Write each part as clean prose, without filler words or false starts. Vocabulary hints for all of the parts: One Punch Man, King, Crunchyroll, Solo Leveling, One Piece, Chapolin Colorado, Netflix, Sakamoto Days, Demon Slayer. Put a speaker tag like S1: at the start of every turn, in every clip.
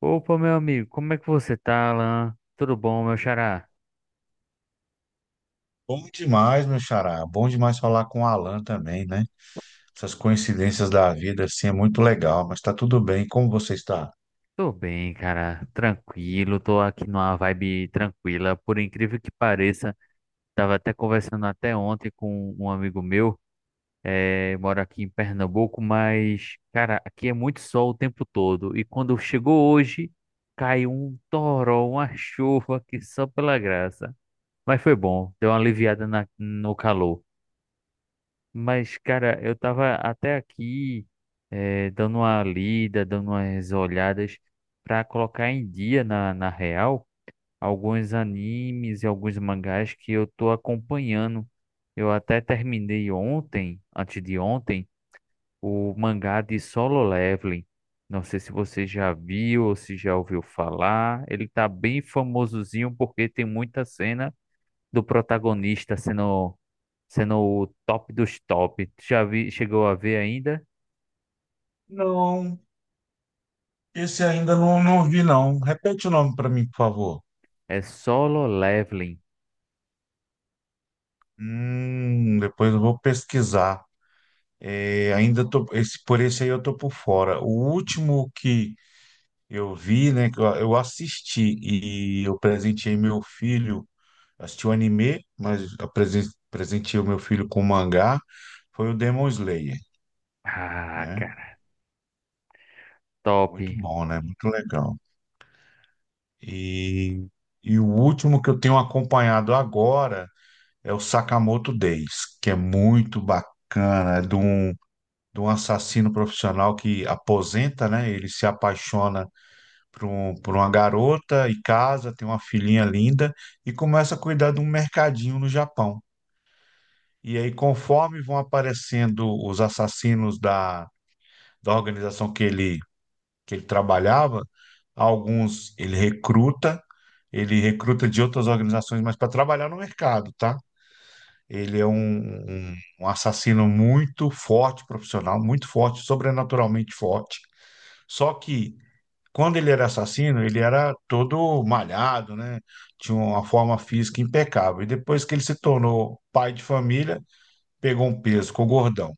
S1: Opa, meu amigo, como é que você tá, Alan? Tudo bom, meu xará?
S2: Bom demais, meu xará. Bom demais falar com o Alan também, né? Essas coincidências da vida, assim, é muito legal, mas tá tudo bem. Como você está?
S1: Tô bem, cara, tranquilo, tô aqui numa vibe tranquila, por incrível que pareça. Tava até conversando até ontem com um amigo meu, mora aqui em Pernambuco, mas, cara, aqui é muito sol o tempo todo. E quando chegou hoje, caiu um toró, uma chuva que só pela graça. Mas foi bom, deu uma aliviada no calor. Mas, cara, eu tava até aqui dando uma lida, dando umas olhadas pra colocar em dia na real alguns animes e alguns mangás que eu tô acompanhando. Eu até terminei ontem, antes de ontem, o mangá de Solo Leveling. Não sei se você já viu ou se já ouviu falar. Ele tá bem famosozinho porque tem muita cena do protagonista sendo o top dos top. Tu já vi, chegou a ver ainda?
S2: Não, esse ainda não, não vi, não. Repete o nome para mim, por favor.
S1: É Solo Leveling.
S2: Depois eu vou pesquisar. É, ainda tô, esse, por esse aí eu tô por fora. O último que eu vi, né, que eu assisti e eu presenteei meu filho. Assisti o anime, mas presenteei o meu filho com o mangá, foi o Demon Slayer,
S1: Ah,
S2: né?
S1: cara, top.
S2: Muito bom, né? Muito legal. E, e o último que eu tenho acompanhado agora é o Sakamoto Days, que é muito bacana, é de um assassino profissional que aposenta, né? Ele se apaixona por, um, por uma garota e casa, tem uma filhinha linda e começa a cuidar de um mercadinho no Japão. E aí, conforme vão aparecendo os assassinos da organização que ele trabalhava, alguns ele recruta de outras organizações, mas para trabalhar no mercado, tá? Ele é um, um assassino muito forte, profissional, muito forte, sobrenaturalmente forte. Só que quando ele era assassino, ele era todo malhado, né? Tinha uma forma física impecável. E depois que ele se tornou pai de família, pegou um peso, ficou gordão.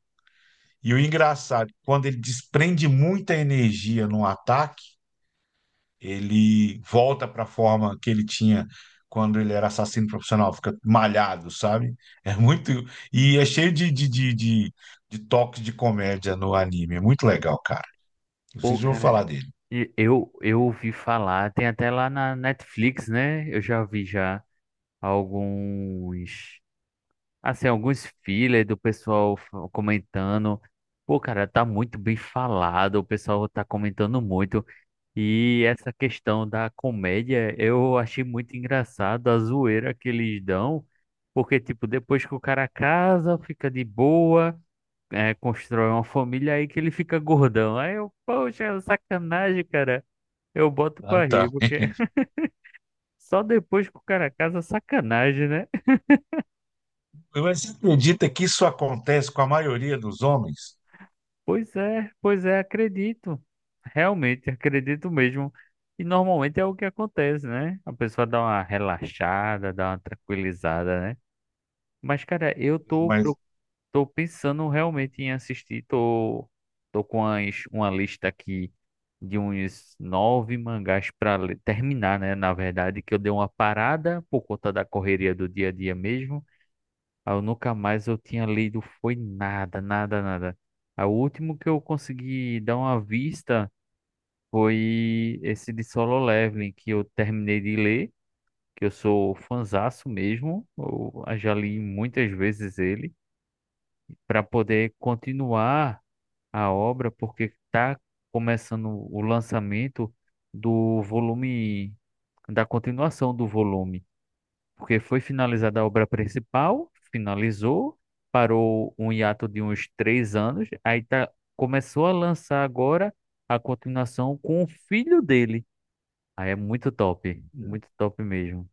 S2: E o engraçado, quando ele desprende muita energia no ataque, ele volta para a forma que ele tinha quando ele era assassino profissional, fica malhado, sabe? É muito. E é cheio de toques de comédia no anime. É muito legal, cara.
S1: Pô,
S2: Vocês vão falar
S1: cara,
S2: dele.
S1: eu ouvi falar, tem até lá na Netflix, né? Eu já vi já alguns, assim, alguns fillers do pessoal comentando. Pô, cara, tá muito bem falado, o pessoal tá comentando muito. E essa questão da comédia, eu achei muito engraçado a zoeira que eles dão, porque, tipo, depois que o cara casa, fica de boa, é, constrói uma família, aí que ele fica gordão. Aí eu, poxa, é sacanagem, cara. Eu boto
S2: Ah,
S1: pra
S2: tá.
S1: rir, porque só depois que o cara casa, sacanagem, né?
S2: Você acredita que isso acontece com a maioria dos homens?
S1: Pois é, acredito. Realmente, acredito mesmo. E normalmente é o que acontece, né? A pessoa dá uma relaxada, dá uma tranquilizada, né? Mas, cara,
S2: Mas,
S1: tô pensando realmente em assistir. Tô com uma lista aqui de uns nove mangás pra terminar, né? Na verdade, que eu dei uma parada por conta da correria do dia a dia mesmo. Aí eu nunca mais eu tinha lido, foi nada, nada, nada. Aí o último que eu consegui dar uma vista foi esse de Solo Leveling, que eu terminei de ler, que eu sou fanzaço mesmo. Eu já li muitas vezes ele para poder continuar a obra, porque está começando o lançamento do volume, da continuação do volume, porque foi finalizada a obra principal, finalizou, parou um hiato de uns 3 anos, aí tá, começou a lançar agora a continuação com o filho dele. Aí é muito top mesmo.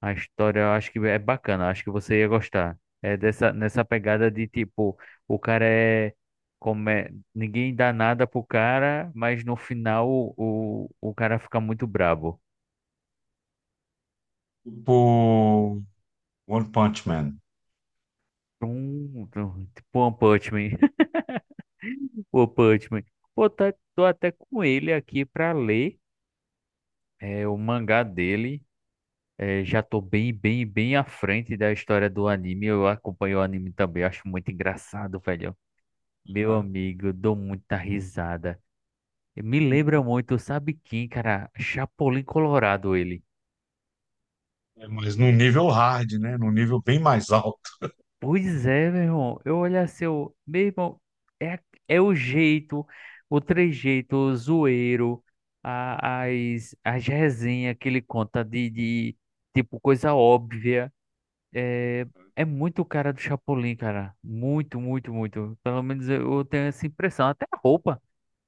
S1: A história eu acho que é bacana, eu acho que você ia gostar. É dessa, nessa pegada de tipo, o cara é, como é- ninguém dá nada pro cara, mas no final o cara fica muito brabo.
S2: tipo, One Punch Man.
S1: Tipo One Punch Man. One Punch Man. Pô, tá, tô até com ele aqui pra ler é, o mangá dele. É, já tô bem, bem, bem à frente da história do anime. Eu acompanho o anime também, acho muito engraçado, velho. Meu
S2: Aham.
S1: amigo, dou muita risada. Me lembra muito, sabe quem, cara? Chapolin Colorado, ele.
S2: É, mas num nível hard, né? Num nível bem mais alto.
S1: Pois é, meu irmão. Eu olho assim, eu, meu irmão, é, a- é o jeito, o trejeito, o zoeiro, a, as resenhas que ele conta de tipo, coisa óbvia. É, é muito o cara do Chapolin, cara. Muito, muito, muito. Pelo menos eu tenho essa impressão.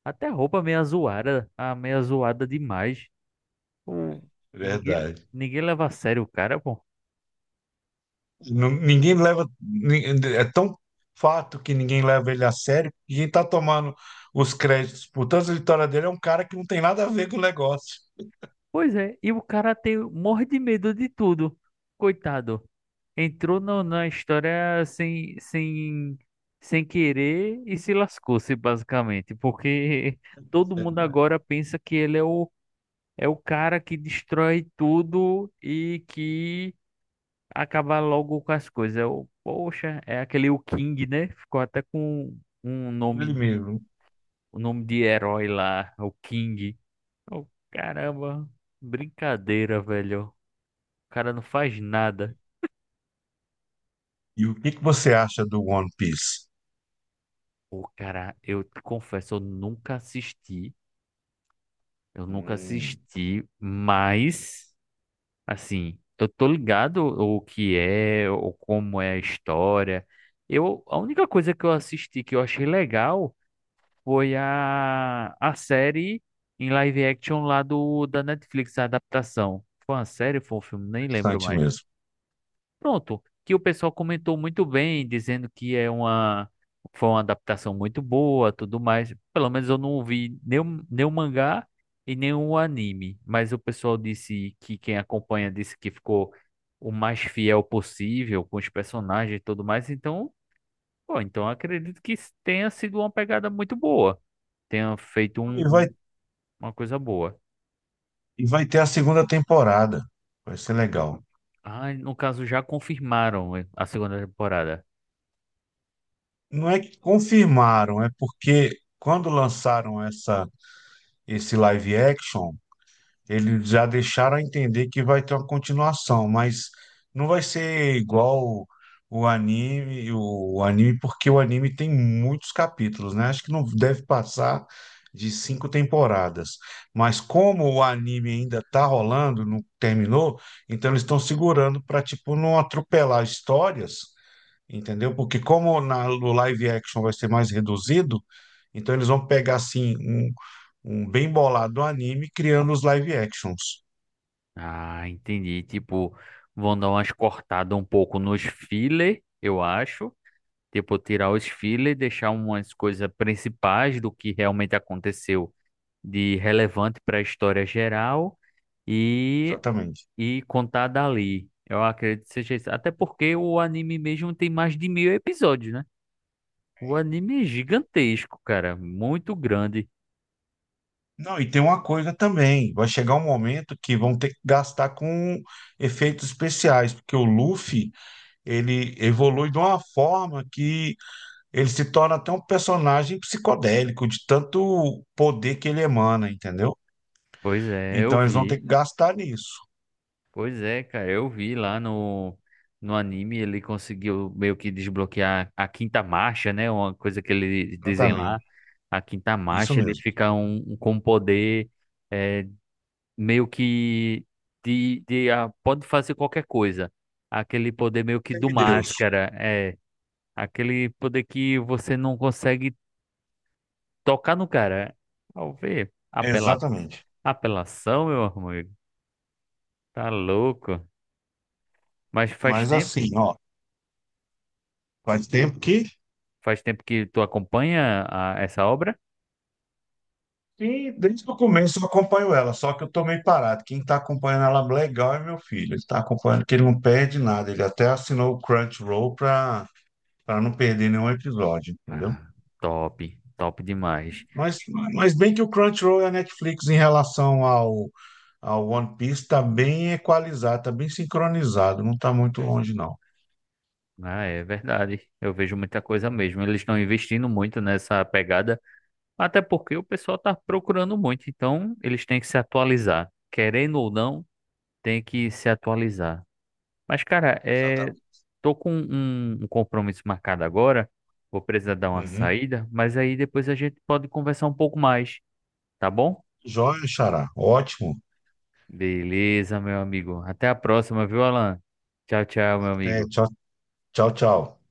S1: Até a roupa meia zoada, a meia zoada demais. Hum. Ninguém,
S2: Verdade.
S1: ninguém leva a sério o cara, pô.
S2: Não- ninguém leva. ni- É tão fato que ninguém leva ele a sério que quem tá tomando os créditos por tanta vitória dele é um cara que não tem nada a ver com o negócio.
S1: Pois é, e o cara morre de medo de tudo. Coitado. Entrou na história sem querer e se lascou-se, basicamente. Porque todo mundo
S2: Verdade.
S1: agora pensa que ele é o, é o cara que destrói tudo e que acaba logo com as coisas. É o, poxa, é aquele o King, né? Ficou até com um nome
S2: Ele
S1: de,
S2: mesmo.
S1: um nome de herói lá, o King. Oh, caramba, brincadeira, velho. O cara não faz nada.
S2: E o que que você acha do One Piece?
S1: Pô, cara, eu te confesso, eu nunca assisti. Eu nunca
S2: Hum.
S1: assisti, mas, assim, eu tô ligado o que é, ou como é a história. Eu, a única coisa que eu assisti que eu achei legal foi a série em live action lá do, da Netflix, a adaptação. Foi uma série, foi um filme, nem lembro
S2: Interessante
S1: mais.
S2: mesmo.
S1: Pronto, que o pessoal comentou muito bem, dizendo que é uma foi uma adaptação muito boa, tudo mais. Pelo menos eu não vi nenhum mangá e nenhum anime, mas o pessoal disse que quem acompanha disse que ficou o mais fiel possível com os personagens e tudo mais. Então, pô, então eu acredito que tenha sido uma pegada muito boa, tenha feito
S2: E vai,
S1: uma coisa boa.
S2: e vai ter a segunda temporada. Vai ser legal.
S1: Ah, no caso já confirmaram a segunda temporada.
S2: Não é que confirmaram, é porque quando lançaram esse live action. Eles já deixaram a entender que vai ter uma continuação, mas não vai ser igual o anime, porque o anime tem muitos capítulos, né? Acho que não deve passar de cinco temporadas. Mas como o anime ainda tá rolando, não terminou, então eles estão segurando para, tipo, não atropelar histórias, entendeu? Porque como no live action vai ser mais reduzido, então eles vão pegar assim um bem bolado anime criando os live actions.
S1: Ah, entendi. Tipo, vão dar umas cortadas um pouco nos filler, eu acho. Tipo, tirar os filler e deixar umas coisas principais do que realmente aconteceu de relevante para a história geral e,
S2: Exatamente.
S1: e contar dali. Eu acredito que seja isso. Até porque o anime mesmo tem mais de 1000 episódios, né? O anime é gigantesco, cara. Muito grande.
S2: Não, e tem uma coisa também, vai chegar um momento que vão ter que gastar com efeitos especiais, porque o Luffy, ele evolui de uma forma que ele se torna até um personagem psicodélico, de tanto poder que ele emana, entendeu?
S1: Pois é, eu
S2: Então eles vão ter
S1: vi.
S2: que gastar nisso.
S1: Pois é, cara, eu vi lá no anime, ele conseguiu meio que desbloquear a quinta marcha, né? Uma coisa que eles dizem lá,
S2: Exatamente.
S1: a quinta
S2: Isso
S1: marcha, ele
S2: mesmo.
S1: fica com um poder é, meio que de ah, pode fazer qualquer coisa. Aquele poder meio que do
S2: Semideus.
S1: máscara, é aquele poder que você não consegue tocar no cara. Ao ver,
S2: Exatamente.
S1: apelação, meu amigo, tá louco. Mas faz
S2: Mas
S1: tempo.
S2: assim, ó, faz tempo
S1: Faz tempo que tu acompanha essa obra?
S2: que desde o começo eu acompanho ela, só que eu tô meio parado. Quem tá acompanhando ela legal é meu filho. Ele tá acompanhando, que ele não perde nada. Ele até assinou o Crunchyroll pra não perder nenhum episódio, entendeu?
S1: Ah, top, top demais.
S2: Mas, mas bem que o Crunchyroll e a Netflix em relação ao One Piece tá bem equalizado, tá bem sincronizado, não tá muito longe, não.
S1: Ah, é verdade. Eu vejo muita coisa mesmo. Eles estão investindo muito nessa pegada, até porque o pessoal está procurando muito. Então, eles têm que se atualizar. Querendo ou não, tem que se atualizar. Mas, cara, é...
S2: Exatamente.
S1: tô com um compromisso marcado agora. Vou precisar dar uma
S2: Uhum.
S1: saída, mas aí depois a gente pode conversar um pouco mais, tá bom?
S2: Joia, Xará. Ótimo.
S1: Beleza, meu amigo. Até a próxima, viu, Alan? Tchau, tchau, meu
S2: Até,
S1: amigo.
S2: tchau, tchau, tchau.